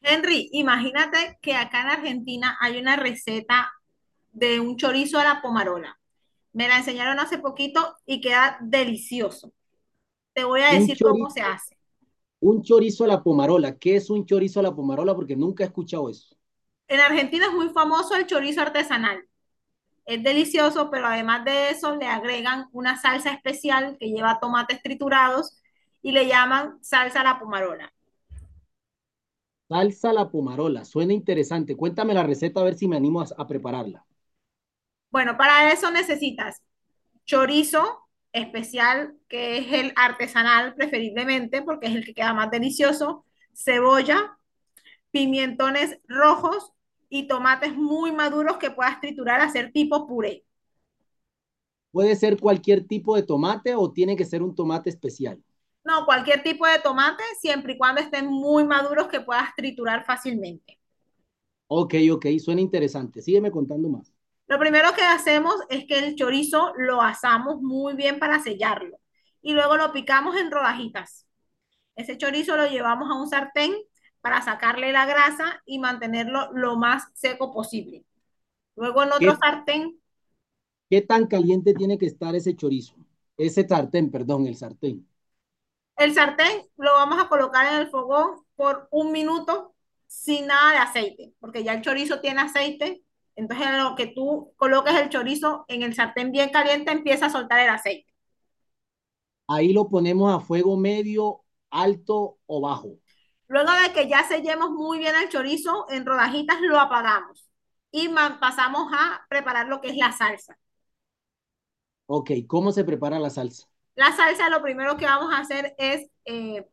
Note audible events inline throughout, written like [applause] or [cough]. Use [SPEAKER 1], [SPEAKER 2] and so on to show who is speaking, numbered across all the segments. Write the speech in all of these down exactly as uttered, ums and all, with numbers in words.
[SPEAKER 1] Henry, imagínate que acá en Argentina hay una receta de un chorizo a la pomarola. Me la enseñaron hace poquito y queda delicioso. Te voy a
[SPEAKER 2] Un
[SPEAKER 1] decir cómo se
[SPEAKER 2] chorizo,
[SPEAKER 1] hace.
[SPEAKER 2] un chorizo a la pomarola. ¿Qué es un chorizo a la pomarola? Porque nunca he escuchado eso.
[SPEAKER 1] En Argentina es muy famoso el chorizo artesanal. Es delicioso, pero además de eso le agregan una salsa especial que lleva tomates triturados y le llaman salsa a la pomarola.
[SPEAKER 2] Salsa a la pomarola. Suena interesante. Cuéntame la receta a ver si me animo a, a prepararla.
[SPEAKER 1] Bueno, para eso necesitas chorizo especial, que es el artesanal preferiblemente, porque es el que queda más delicioso, cebolla, pimentones rojos y tomates muy maduros que puedas triturar, hacer tipo puré.
[SPEAKER 2] ¿Puede ser cualquier tipo de tomate o tiene que ser un tomate especial?
[SPEAKER 1] No, cualquier tipo de tomate, siempre y cuando estén muy maduros que puedas triturar fácilmente.
[SPEAKER 2] Ok, ok, suena interesante. Sígueme contando más.
[SPEAKER 1] Lo primero que hacemos es que el chorizo lo asamos muy bien para sellarlo y luego lo picamos en rodajitas. Ese chorizo lo llevamos a un sartén para sacarle la grasa y mantenerlo lo más seco posible. Luego en otro
[SPEAKER 2] ¿Qué,
[SPEAKER 1] sartén,
[SPEAKER 2] qué tan caliente tiene que estar ese chorizo? Ese sartén, perdón, el sartén.
[SPEAKER 1] el sartén lo vamos a colocar en el fogón por un minuto sin nada de aceite, porque ya el chorizo tiene aceite. Entonces, en lo que tú coloques el chorizo en el sartén bien caliente, empieza a soltar el aceite.
[SPEAKER 2] Ahí lo ponemos a fuego medio, alto o bajo.
[SPEAKER 1] Luego de que ya sellemos muy bien el chorizo en rodajitas, lo apagamos y pasamos a preparar lo que es la salsa.
[SPEAKER 2] Ok, ¿cómo se prepara la salsa?
[SPEAKER 1] La salsa lo primero que vamos a hacer es eh,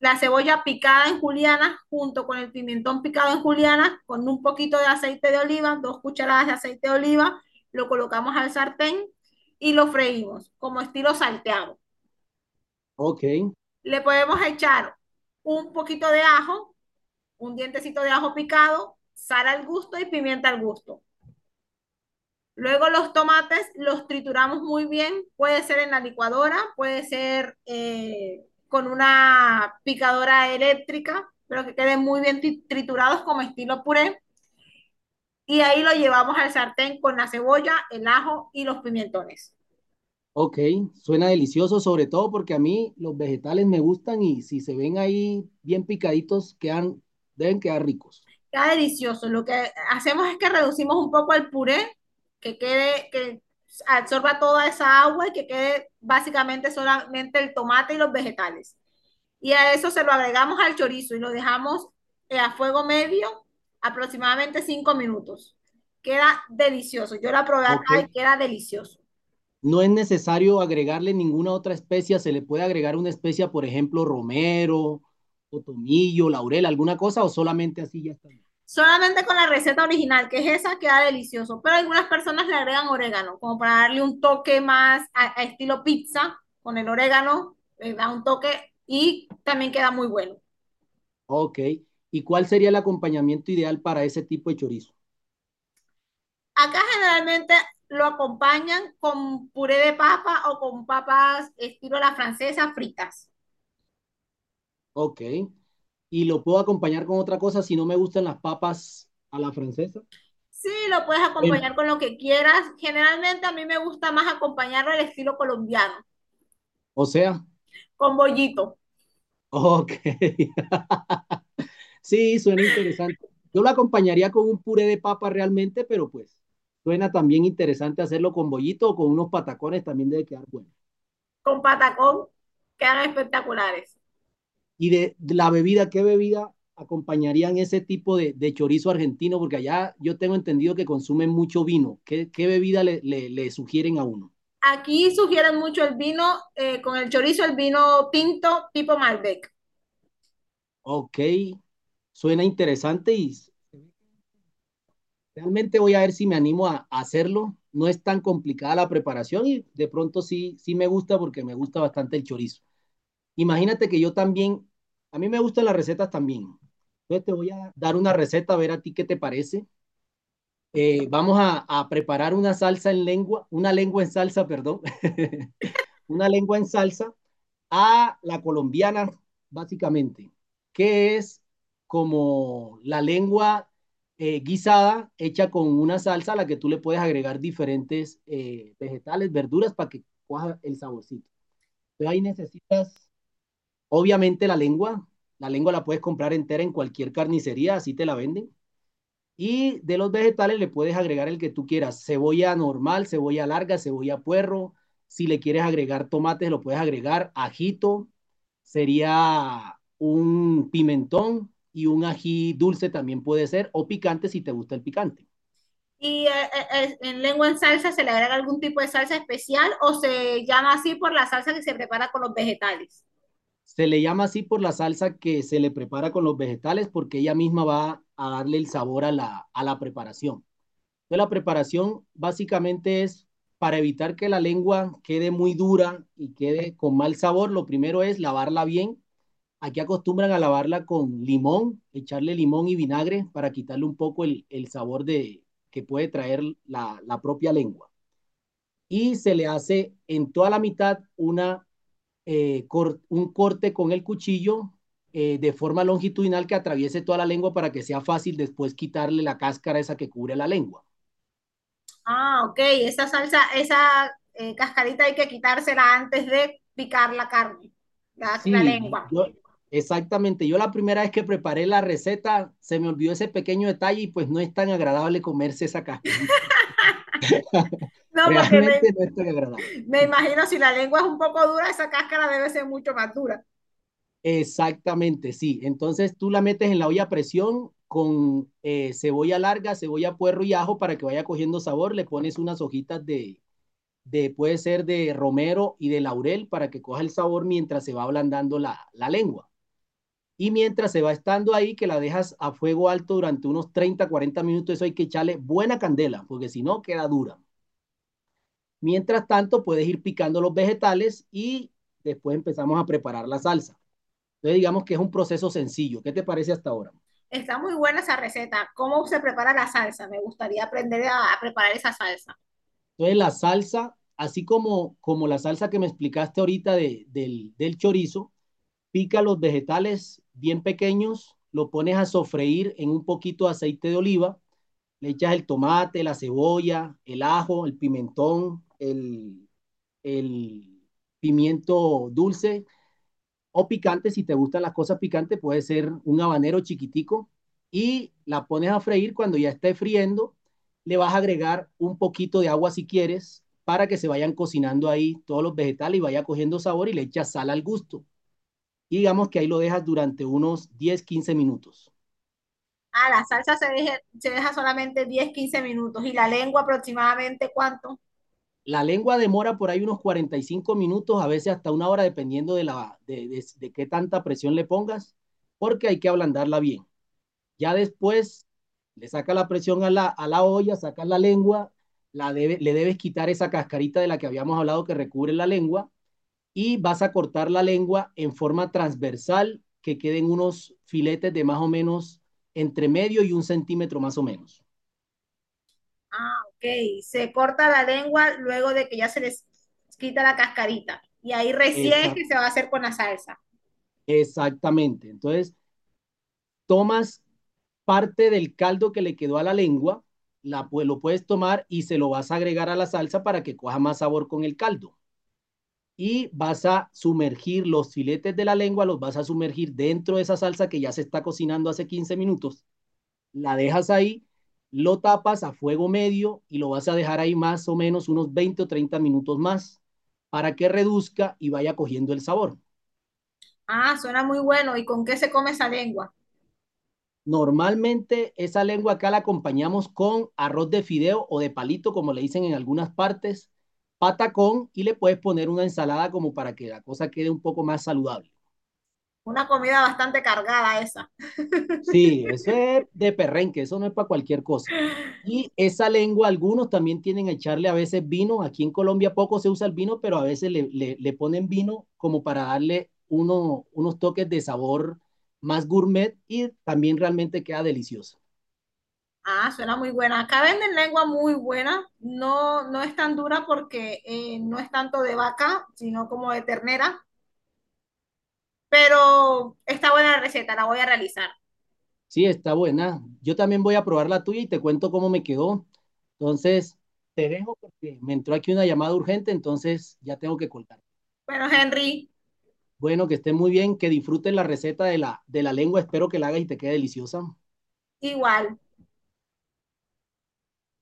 [SPEAKER 1] la cebolla picada en julianas junto con el pimentón picado en julianas con un poquito de aceite de oliva, dos cucharadas de aceite de oliva, lo colocamos al sartén y lo freímos como estilo salteado.
[SPEAKER 2] Ok,
[SPEAKER 1] Le podemos echar un poquito de ajo, un dientecito de ajo picado, sal al gusto y pimienta al gusto. Luego los tomates los trituramos muy bien, puede ser en la licuadora, puede ser eh, con una picadora eléctrica, pero que queden muy bien triturados como estilo puré. Y ahí lo llevamos al sartén con la cebolla, el ajo y los pimentones.
[SPEAKER 2] ok, suena delicioso, sobre todo porque a mí los vegetales me gustan y si se ven ahí bien picaditos, quedan, deben quedar ricos.
[SPEAKER 1] Queda delicioso. Lo que hacemos es que reducimos un poco al puré, que quede, que absorba toda esa agua y que quede básicamente solamente el tomate y los vegetales. Y a eso se lo agregamos al chorizo y lo dejamos eh, a fuego medio aproximadamente cinco minutos. Queda delicioso. Yo la probé acá
[SPEAKER 2] Ok,
[SPEAKER 1] y queda delicioso.
[SPEAKER 2] no es necesario agregarle ninguna otra especia, se le puede agregar una especia, por ejemplo, romero, o tomillo, laurel, alguna cosa, o solamente así ya está bien.
[SPEAKER 1] Solamente con la receta original, que es esa, queda delicioso. Pero algunas personas le agregan orégano, como para darle un toque más a, a estilo pizza, con el orégano, le da un toque y también queda muy bueno.
[SPEAKER 2] Ok, ¿y cuál sería el acompañamiento ideal para ese tipo de chorizo?
[SPEAKER 1] Acá generalmente lo acompañan con puré de papa o con papas estilo la francesa fritas.
[SPEAKER 2] Ok, y lo puedo acompañar con otra cosa si no me gustan las papas a la francesa.
[SPEAKER 1] Sí, lo puedes acompañar con lo que quieras. Generalmente a mí me gusta más acompañarlo al estilo colombiano,
[SPEAKER 2] O sea,
[SPEAKER 1] con bollito,
[SPEAKER 2] ok. [laughs] Sí, suena interesante. Yo lo acompañaría con un puré de papa realmente, pero pues suena también interesante hacerlo con bollito o con unos patacones, también debe quedar bueno.
[SPEAKER 1] con patacón, quedan espectaculares.
[SPEAKER 2] Y de, de la bebida, ¿qué bebida acompañarían ese tipo de, de chorizo argentino? Porque allá yo tengo entendido que consumen mucho vino. ¿Qué, qué bebida le, le, le sugieren a uno?
[SPEAKER 1] Aquí sugieren mucho el vino eh, con el chorizo, el vino tinto tipo Malbec.
[SPEAKER 2] Ok, suena interesante y realmente voy a ver si me animo a, a hacerlo. No es tan complicada la preparación y de pronto sí, sí me gusta porque me gusta bastante el chorizo. Imagínate que yo también, a mí me gustan las recetas también. Entonces te voy a dar una receta, a ver a ti qué te parece. Eh, vamos a, a preparar una salsa en lengua, una lengua en salsa, perdón. [laughs] Una lengua en salsa a la colombiana, básicamente, que es como la lengua eh, guisada hecha con una salsa a la que tú le puedes agregar diferentes eh, vegetales, verduras para que coja el saborcito. Entonces ahí necesitas, obviamente, la lengua. La lengua la puedes comprar entera en cualquier carnicería, así te la venden. Y de los vegetales le puedes agregar el que tú quieras, cebolla normal, cebolla larga, cebolla puerro. Si le quieres agregar tomates, lo puedes agregar. Ajito, sería un pimentón y un ají dulce también puede ser, o picante si te gusta el picante.
[SPEAKER 1] Y eh, eh, eh, en lengua en salsa se le agrega algún tipo de salsa especial o se llama así por la salsa que se prepara con los vegetales.
[SPEAKER 2] Se le llama así por la salsa que se le prepara con los vegetales porque ella misma va a darle el sabor a la, a la preparación. Entonces, la preparación básicamente es para evitar que la lengua quede muy dura y quede con mal sabor. Lo primero es lavarla bien. Aquí acostumbran a lavarla con limón, echarle limón y vinagre para quitarle un poco el, el sabor de, que puede traer la, la, propia lengua. Y se le hace en toda la mitad una, eh, cor, un corte con el cuchillo eh, de forma longitudinal que atraviese toda la lengua para que sea fácil después quitarle la cáscara esa que cubre la lengua.
[SPEAKER 1] Ah, ok, esa salsa, esa eh, cascarita hay que quitársela antes de picar la carne, la, la
[SPEAKER 2] Sí,
[SPEAKER 1] lengua.
[SPEAKER 2] yo, exactamente. Yo la primera vez que preparé la receta se me olvidó ese pequeño detalle y pues no es tan agradable comerse esa cascarita. [laughs]
[SPEAKER 1] No, porque me,
[SPEAKER 2] Realmente no es tan agradable.
[SPEAKER 1] me imagino si la lengua es un poco dura, esa cáscara debe ser mucho más dura.
[SPEAKER 2] Exactamente, sí. Entonces tú la metes en la olla a presión con eh, cebolla larga, cebolla puerro y ajo para que vaya cogiendo sabor. Le pones unas hojitas de, de, puede ser de romero y de laurel para que coja el sabor mientras se va ablandando la, la lengua. Y mientras se va estando ahí, que la dejas a fuego alto durante unos treinta, cuarenta minutos, eso hay que echarle buena candela, porque si no, queda dura. Mientras tanto, puedes ir picando los vegetales y después empezamos a preparar la salsa. Entonces, digamos que es un proceso sencillo. ¿Qué te parece hasta ahora?
[SPEAKER 1] Está muy buena esa receta. ¿Cómo se prepara la salsa? Me gustaría aprender a, a preparar esa salsa.
[SPEAKER 2] Entonces, la salsa, así como, como la salsa que me explicaste ahorita de, del, del chorizo, pica los vegetales bien pequeños, lo pones a sofreír en un poquito de aceite de oliva, le echas el tomate, la cebolla, el ajo, el pimentón, el, el pimiento dulce o picante, si te gustan las cosas picantes, puede ser un habanero chiquitico y la pones a freír cuando ya esté friendo, le vas a agregar un poquito de agua si quieres para que se vayan cocinando ahí todos los vegetales y vaya cogiendo sabor y le echas sal al gusto. Y digamos que ahí lo dejas durante unos diez quince minutos.
[SPEAKER 1] Ah, la salsa se deja, se deja solamente diez quince minutos. ¿Y la lengua aproximadamente cuánto?
[SPEAKER 2] La lengua demora por ahí unos cuarenta y cinco minutos, a veces hasta una hora, dependiendo de, la, de, de, de qué tanta presión le pongas, porque hay que ablandarla bien. Ya después le saca la presión a la, a la olla, sacas la lengua, la debe, le debes quitar esa cascarita de la que habíamos hablado que recubre la lengua y vas a cortar la lengua en forma transversal que queden unos filetes de más o menos entre medio y un centímetro más o menos.
[SPEAKER 1] Ah, ok. Se corta la lengua luego de que ya se les quita la cascarita. Y ahí recién es
[SPEAKER 2] Esa,
[SPEAKER 1] que se va a hacer con la salsa.
[SPEAKER 2] exactamente. Entonces, tomas parte del caldo que le quedó a la lengua, la, pues, lo puedes tomar y se lo vas a agregar a la salsa para que coja más sabor con el caldo. Y vas a sumergir los filetes de la lengua, los vas a sumergir dentro de esa salsa que ya se está cocinando hace quince minutos. La dejas ahí, lo tapas a fuego medio y lo vas a dejar ahí más o menos unos veinte o treinta minutos más para que reduzca y vaya cogiendo el sabor.
[SPEAKER 1] Ah, suena muy bueno. ¿Y con qué se come esa lengua?
[SPEAKER 2] Normalmente esa lengua acá la acompañamos con arroz de fideo o de palito, como le dicen en algunas partes, patacón y le puedes poner una ensalada como para que la cosa quede un poco más saludable.
[SPEAKER 1] Una comida bastante cargada esa.
[SPEAKER 2] Sí, eso es de perrenque, eso no es para cualquier cosa. Y esa lengua, algunos también tienen a echarle a veces vino. Aquí en Colombia poco se usa el vino, pero a veces le, le- le ponen vino como para darle uno- unos toques de sabor más gourmet y también realmente queda delicioso.
[SPEAKER 1] Ah, suena muy buena. Acá venden lengua muy buena. No, no es tan dura porque eh, no es tanto de vaca, sino como de ternera. Pero está buena la receta, la voy a realizar.
[SPEAKER 2] Sí, está buena. Yo también voy a probar la tuya y te cuento cómo me quedó. Entonces, te dejo porque me entró aquí una llamada urgente, entonces ya tengo que colgar.
[SPEAKER 1] Bueno, Henry,
[SPEAKER 2] Bueno, que esté muy bien, que disfrutes la receta de la, de la lengua. Espero que la hagas y te quede deliciosa.
[SPEAKER 1] igual.